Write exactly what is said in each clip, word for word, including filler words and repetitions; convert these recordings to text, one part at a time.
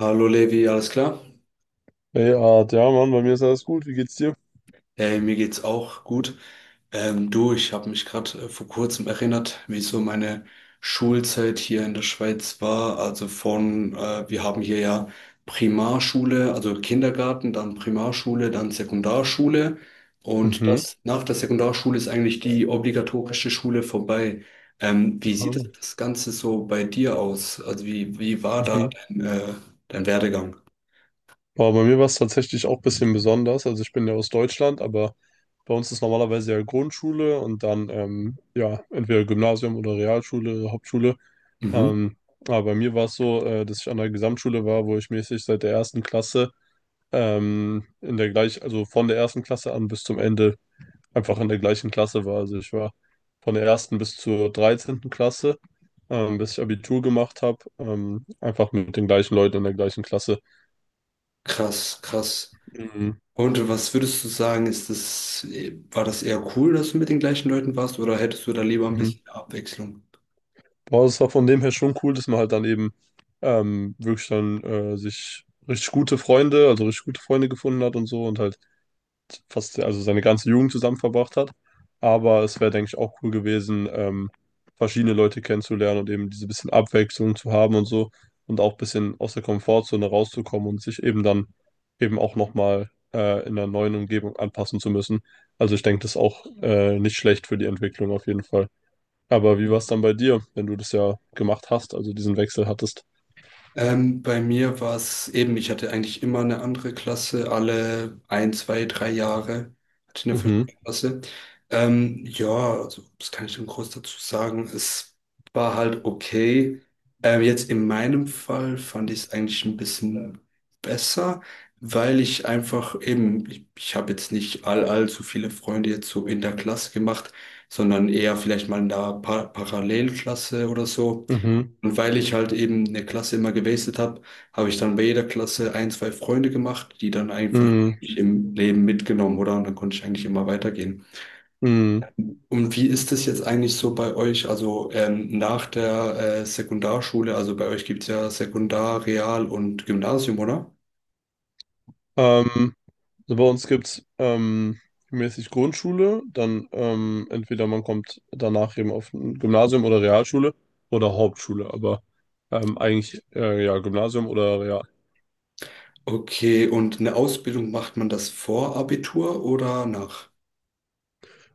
Hallo Levi, alles klar? Ey, Art, ja, Mann, bei mir ist alles gut. Wie geht's dir? Äh, mir geht's auch gut. Ähm, du, ich habe mich gerade äh, vor kurzem erinnert, wie so meine Schulzeit hier in der Schweiz war. Also von, äh, wir haben hier ja Primarschule, also Kindergarten, dann Primarschule, dann Sekundarschule. Und Mhm. das nach der Sekundarschule ist eigentlich die obligatorische Schule vorbei. Ähm, wie sieht Mhm. das Ganze so bei dir aus? Also wie, wie war Mhm. da dein, äh, dein Werdegang? Boah, bei mir war es tatsächlich auch ein bisschen besonders. Also ich bin ja aus Deutschland, aber bei uns ist normalerweise ja Grundschule und dann ähm, ja entweder Gymnasium oder Realschule, Hauptschule. Mhm. Ähm, aber bei mir war es so, äh, dass ich an der Gesamtschule war, wo ich mäßig seit der ersten Klasse ähm, in der gleich, also von der ersten Klasse an bis zum Ende einfach in der gleichen Klasse war. Also ich war von der ersten bis zur dreizehnten Klasse, ähm, bis ich Abitur gemacht habe, ähm, einfach mit den gleichen Leuten in der gleichen Klasse. Krass, krass. Mhm. Und was würdest du sagen, ist das, war das eher cool, dass du mit den gleichen Leuten warst, oder hättest du da lieber ein Mhm. bisschen Abwechslung? Aber es war von dem her schon cool, dass man halt dann eben ähm, wirklich dann äh, sich richtig gute Freunde, also richtig gute Freunde gefunden hat und so und halt fast also seine ganze Jugend zusammen verbracht hat. Aber es wäre, denke ich, auch cool gewesen, ähm, verschiedene Leute kennenzulernen und eben diese bisschen Abwechslung zu haben und so und auch ein bisschen aus der Komfortzone rauszukommen und sich eben dann eben auch nochmal äh, in einer neuen Umgebung anpassen zu müssen. Also ich denke, das ist auch äh, nicht schlecht für die Entwicklung auf jeden Fall. Aber wie war es dann bei dir, wenn du das ja gemacht hast, also diesen Wechsel hattest? Ähm, bei mir war es eben, ich hatte eigentlich immer eine andere Klasse, alle ein, zwei, drei Jahre hatte ich eine Mhm, verschiedene Klasse. Ähm, ja, also, was kann ich denn groß dazu sagen? Es war halt okay. Ähm, jetzt in meinem Fall fand ich es eigentlich ein bisschen besser, weil ich einfach eben, ich, ich habe jetzt nicht all, allzu viele Freunde jetzt so in der Klasse gemacht, sondern eher vielleicht mal in der pa Parallelklasse oder so. mhm, Und weil ich halt eben eine Klasse immer gewastet habe, habe ich dann bei jeder Klasse ein, zwei Freunde gemacht, die dann einfach mhm, mich im Leben mitgenommen, oder? Und dann konnte ich eigentlich immer weitergehen. mhm. Und wie ist das jetzt eigentlich so bei euch? Also ähm, nach der äh, Sekundarschule, also bei euch gibt's ja Sekundar, Real und Gymnasium, oder? Ähm, Also bei uns gibt es ähm, mäßig Grundschule, dann ähm, entweder man kommt danach eben auf ein Gymnasium oder Realschule oder Hauptschule, aber ähm, eigentlich äh, ja Gymnasium oder Real. Okay, und eine Ausbildung macht man das vor Abitur oder nach?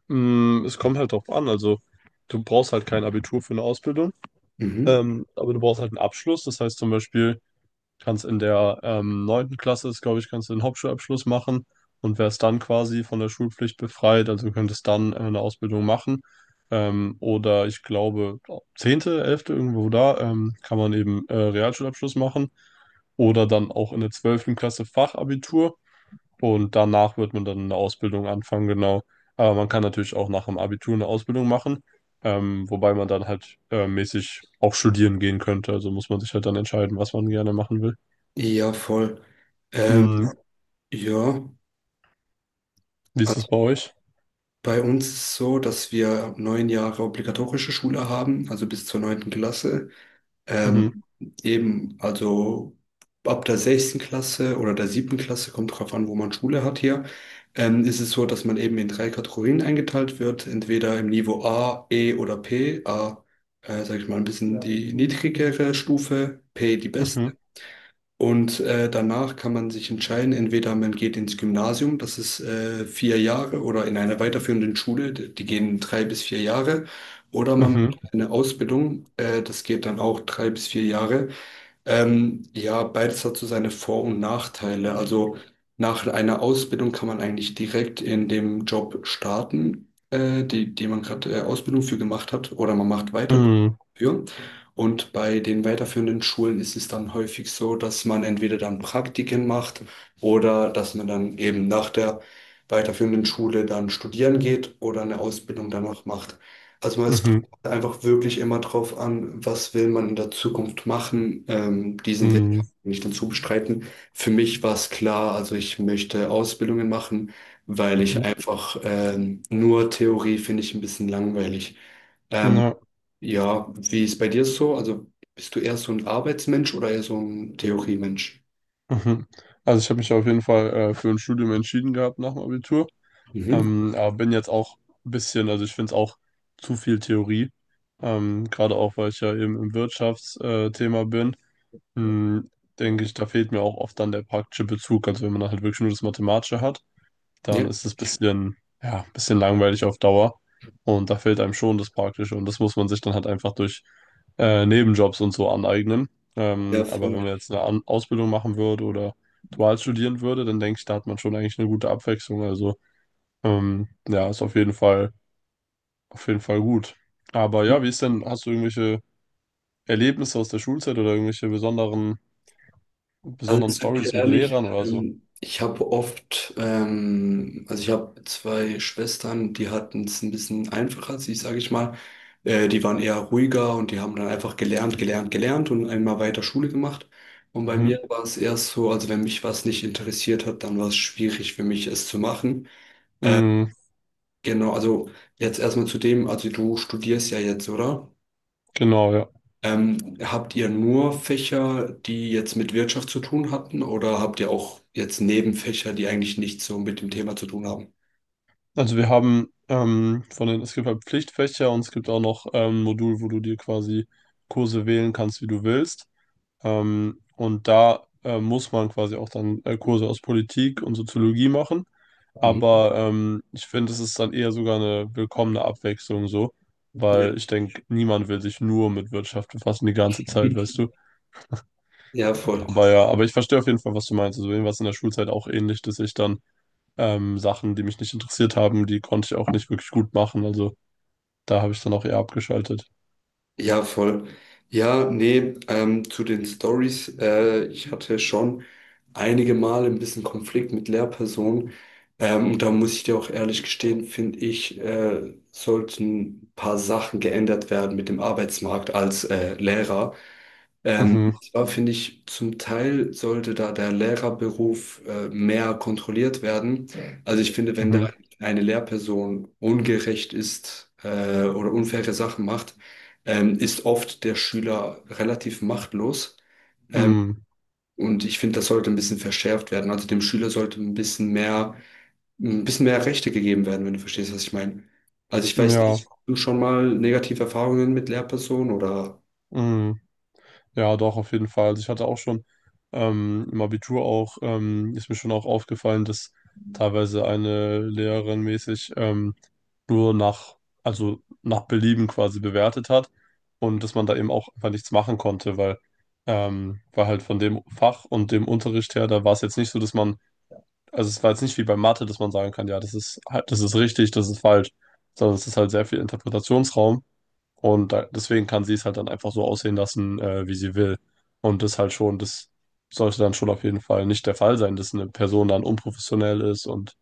Mm, es kommt halt drauf an, also du brauchst halt kein Abitur für eine Ausbildung, Mhm. ähm, aber du brauchst halt einen Abschluss, das heißt zum Beispiel kannst in der ähm, neunten Klasse, glaube ich, kannst du den Hauptschulabschluss machen und wärst dann quasi von der Schulpflicht befreit. Also könntest dann äh, eine Ausbildung machen. Ähm, oder ich glaube, zehnte, elfte, irgendwo da, ähm, kann man eben äh, Realschulabschluss machen. Oder dann auch in der zwölften Klasse Fachabitur. Und danach wird man dann eine Ausbildung anfangen, genau. Aber man kann natürlich auch nach dem Abitur eine Ausbildung machen. Ähm, wobei man dann halt äh, mäßig auch studieren gehen könnte. Also muss man sich halt dann entscheiden, was man gerne machen will. Ja, voll. Ähm, Mhm. ja. Wie ist es bei euch? Bei uns ist es so, dass wir neun Jahre obligatorische Schule haben, also bis zur neunten Klasse. Mhm. Ähm, eben, also ab der sechsten Klasse oder der siebten Klasse, kommt drauf an, wo man Schule hat hier, ähm, ist es so, dass man eben in drei Kategorien eingeteilt wird, entweder im Niveau A, E oder P. A, äh, sag ich mal, ein bisschen Ja. die niedrigere Stufe, P die beste. Mhm. Und äh, danach kann man sich entscheiden, entweder man geht ins Gymnasium, das ist äh, vier Jahre, oder in einer weiterführenden Schule, die die gehen drei bis vier Jahre, oder man Mhm. macht eine Ausbildung, äh, das geht dann auch drei bis vier Jahre. Ähm, ja, beides hat so seine Vor- und Nachteile. Also nach einer Ausbildung kann man eigentlich direkt in dem Job starten, äh, die, die man gerade äh, Ausbildung für gemacht hat, oder man macht weiter Mhm. für. Und bei den weiterführenden Schulen ist es dann häufig so, dass man entweder dann Praktiken macht oder dass man dann eben nach der weiterführenden Schule dann studieren geht oder eine Ausbildung danach macht. Also man ist Mhm. einfach wirklich immer drauf an, was will man in der Zukunft machen. Ähm, diesen Weg kann Mhm. ich nicht dazu bestreiten. Für mich war es klar, also ich möchte Ausbildungen machen, weil ich Mhm. einfach ähm, nur Theorie finde ich ein bisschen langweilig. Ähm, Na, ja, wie ist bei dir so? Also bist du eher so ein Arbeitsmensch oder eher so ein Theoriemensch? mhm. Also ich habe mich auf jeden Fall äh, für ein Studium entschieden gehabt nach dem Abitur. Mhm. Ähm, aber bin jetzt auch ein bisschen, also ich finde es auch zu viel Theorie. Ähm, gerade auch, weil ich ja eben im Wirtschaftsthema äh, Thema bin. Mhm. Denke ich, da fehlt mir auch oft dann der praktische Bezug. Also wenn man dann halt wirklich nur das Mathematische hat, dann Ja, ist es ein bisschen, ja, ein bisschen langweilig auf Dauer. Und da fehlt einem schon das Praktische. Und das muss man sich dann halt einfach durch äh, Nebenjobs und so aneignen. ja, Ähm, aber wenn voll. man jetzt eine An Ausbildung machen würde oder dual studieren würde, dann denke ich, da hat man schon eigentlich eine gute Abwechslung. Also ähm, ja, ist auf jeden Fall, auf jeden Fall gut. Aber ja, wie ist denn, hast du irgendwelche Erlebnisse aus der Schulzeit oder irgendwelche besonderen, Also besonderen ich sag Stories dir mit ehrlich, Lehrern oder so? ähm, ich habe oft, ähm, also ich habe zwei Schwestern, die hatten es ein bisschen einfacher, sie sage ich mal. Äh, die waren eher ruhiger und die haben dann einfach gelernt, gelernt, gelernt und einmal weiter Schule gemacht. Und bei Mhm. mir war es eher so, also wenn mich was nicht interessiert hat, dann war es schwierig für mich, es zu machen. Mhm, Genau, also jetzt erstmal zu dem, also du studierst ja jetzt, oder? genau, ja. Ähm, habt ihr nur Fächer, die jetzt mit Wirtschaft zu tun hatten, oder habt ihr auch jetzt Nebenfächer, die eigentlich nichts so mit dem Thema zu tun haben? Also wir haben ähm, von den, es gibt halt Pflichtfächer und es gibt auch noch ähm, ein Modul, wo du dir quasi Kurse wählen kannst, wie du willst. Ähm, und da äh, muss man quasi auch dann äh, Kurse aus Politik und Soziologie machen. Mhm. Aber ähm, ich finde, es ist dann eher sogar eine willkommene Abwechslung so, weil Ja. ich denke, niemand will sich nur mit Wirtschaft befassen die ganze Zeit, weißt du. Ja, voll. Aber ja, aber ich verstehe auf jeden Fall, was du meinst. Also irgendwas in der Schulzeit auch ähnlich, dass ich dann ähm, Sachen, die mich nicht interessiert haben, die konnte ich auch nicht wirklich gut machen. Also da habe ich dann auch eher abgeschaltet. Ja, voll. Ja, nee, ähm, zu den Stories. Äh, ich hatte schon einige Male ein bisschen Konflikt mit Lehrpersonen. Ähm, und da muss ich dir auch ehrlich gestehen, finde ich, äh, sollten ein paar Sachen geändert werden mit dem Arbeitsmarkt als äh, Lehrer. Ähm, Mhm, Zwar finde ich, zum Teil sollte da der Lehrerberuf äh, mehr kontrolliert werden. Also ich finde, wenn da mhm, eine Lehrperson ungerecht ist äh, oder unfaire Sachen macht, ähm, ist oft der Schüler relativ machtlos. Ähm, mhm, und ich finde, das sollte ein bisschen verschärft werden. Also dem Schüler sollte ein bisschen mehr, ein bisschen mehr Rechte gegeben werden, wenn du verstehst, was ich meine. Also ich mm, weiß ja, nicht, hast du schon mal negative Erfahrungen mit Lehrpersonen oder mhm, ja, doch, auf jeden Fall. Also ich hatte auch schon ähm, im Abitur auch, ähm, ist mir schon auch aufgefallen, dass teilweise eine Lehrerin mäßig ähm, nur nach, also nach Belieben quasi bewertet hat und dass man da eben auch einfach nichts machen konnte, weil, ähm, weil halt von dem Fach und dem Unterricht her, da war es jetzt nicht so, dass man also es war jetzt nicht wie bei Mathe, dass man sagen kann, ja, das ist halt, das ist richtig, das ist falsch, sondern es ist halt sehr viel Interpretationsraum und da, deswegen kann sie es halt dann einfach so aussehen lassen, äh, wie sie will. Und das halt schon, das sollte dann schon auf jeden Fall nicht der Fall sein, dass eine Person dann unprofessionell ist und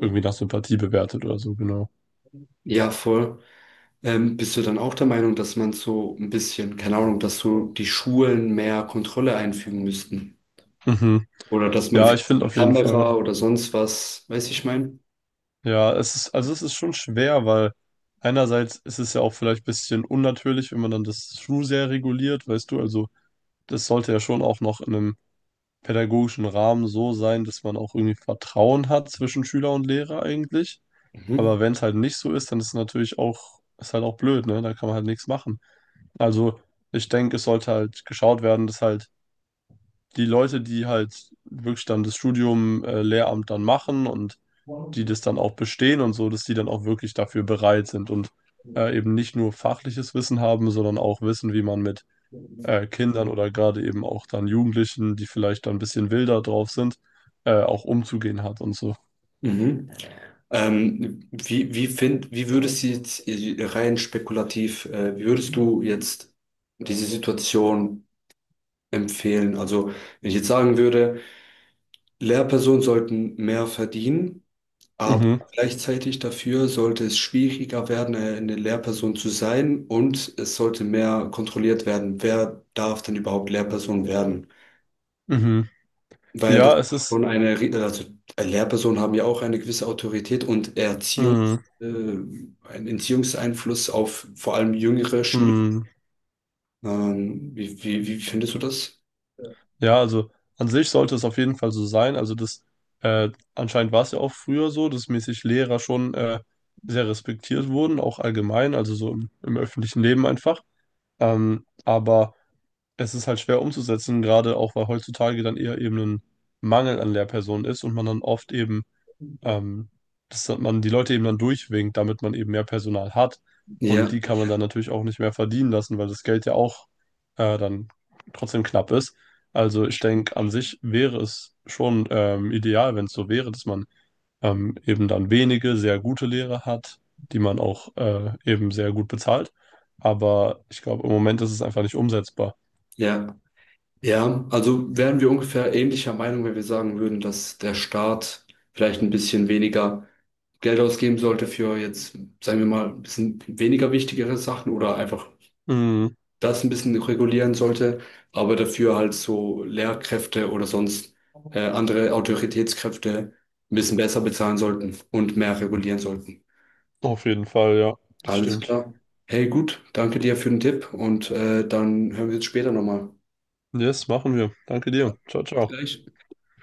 irgendwie nach Sympathie bewertet oder so, genau. ja, voll. Ähm, bist du dann auch der Meinung, dass man so ein bisschen, keine Ahnung, dass so die Schulen mehr Kontrolle einfügen müssten? Mhm. Oder dass man Ja, ich vielleicht finde eine auf jeden Fall. Kamera oder sonst was, weiß ich mein? Ja, es ist, also es ist schon schwer, weil einerseits ist es ja auch vielleicht ein bisschen unnatürlich, wenn man dann das True sehr reguliert, weißt du, also das sollte ja schon auch noch in einem pädagogischen Rahmen so sein, dass man auch irgendwie Vertrauen hat zwischen Schüler und Lehrer eigentlich. Mhm. Aber wenn es halt nicht so ist, dann ist es natürlich auch, ist halt auch blöd, ne? Da kann man halt nichts machen. Also ich denke, es sollte halt geschaut werden, dass halt die Leute, die halt wirklich dann das Studium, äh, Lehramt dann machen und die das dann auch bestehen und so, dass die dann auch wirklich dafür bereit sind und äh, eben nicht nur fachliches Wissen haben, sondern auch wissen, wie man mit äh, Kindern oder gerade eben auch dann Jugendlichen, die vielleicht dann ein bisschen wilder drauf sind, äh, auch umzugehen hat und so. Mhm. Ähm, wie, wie find, wie würdest du jetzt äh, rein spekulativ, äh, wie würdest du jetzt diese Situation empfehlen? Also, wenn ich jetzt sagen würde, Lehrpersonen sollten mehr verdienen, aber Mhm, gleichzeitig dafür sollte es schwieriger werden, eine eine Lehrperson zu sein und es sollte mehr kontrolliert werden, wer darf denn überhaupt Lehrperson werden. mhm. Weil das Ja, es ist ist, schon eine, ri- also äh, Lehrpersonen haben ja auch eine gewisse Autorität und Erziehungs, mhm, äh, einen Erziehungseinfluss auf vor allem jüngere Schüler. mhm. Ähm, wie, wie, wie findest du das? Ja, also an sich sollte es auf jeden Fall so sein. Also das, äh, anscheinend war es ja auch früher so, dass mäßig Lehrer schon äh, sehr respektiert wurden, auch allgemein, also so im, im öffentlichen Leben einfach. Ähm, aber es ist halt schwer umzusetzen, gerade auch weil heutzutage dann eher eben ein Mangel an Lehrpersonen ist und man dann oft eben ähm, dass man die Leute eben dann durchwinkt, damit man eben mehr Personal hat. Und Ja, die kann man dann natürlich auch nicht mehr verdienen lassen, weil das Geld ja auch äh, dann trotzdem knapp ist. Also ich stimmt. denke, an sich wäre es schon ähm, ideal, wenn es so wäre, dass man ähm, eben dann wenige sehr gute Lehrer hat, die man auch äh, eben sehr gut bezahlt. Aber ich glaube, im Moment ist es einfach nicht umsetzbar. Ja. Ja, also wären wir ungefähr ähnlicher Meinung, wenn wir sagen würden, dass der Staat vielleicht ein bisschen weniger Geld ausgeben sollte für jetzt, sagen wir mal, ein bisschen weniger wichtigere Sachen oder einfach Mhm, das ein bisschen regulieren sollte, aber dafür halt so Lehrkräfte oder sonst äh, andere Autoritätskräfte ein bisschen besser bezahlen sollten und mehr regulieren sollten. auf jeden Fall, ja, das Alles stimmt. klar. Hey, gut, danke dir für den Tipp und äh, dann hören wir uns später nochmal. Yes, machen wir. Danke dir. Ciao, Bis ciao. gleich.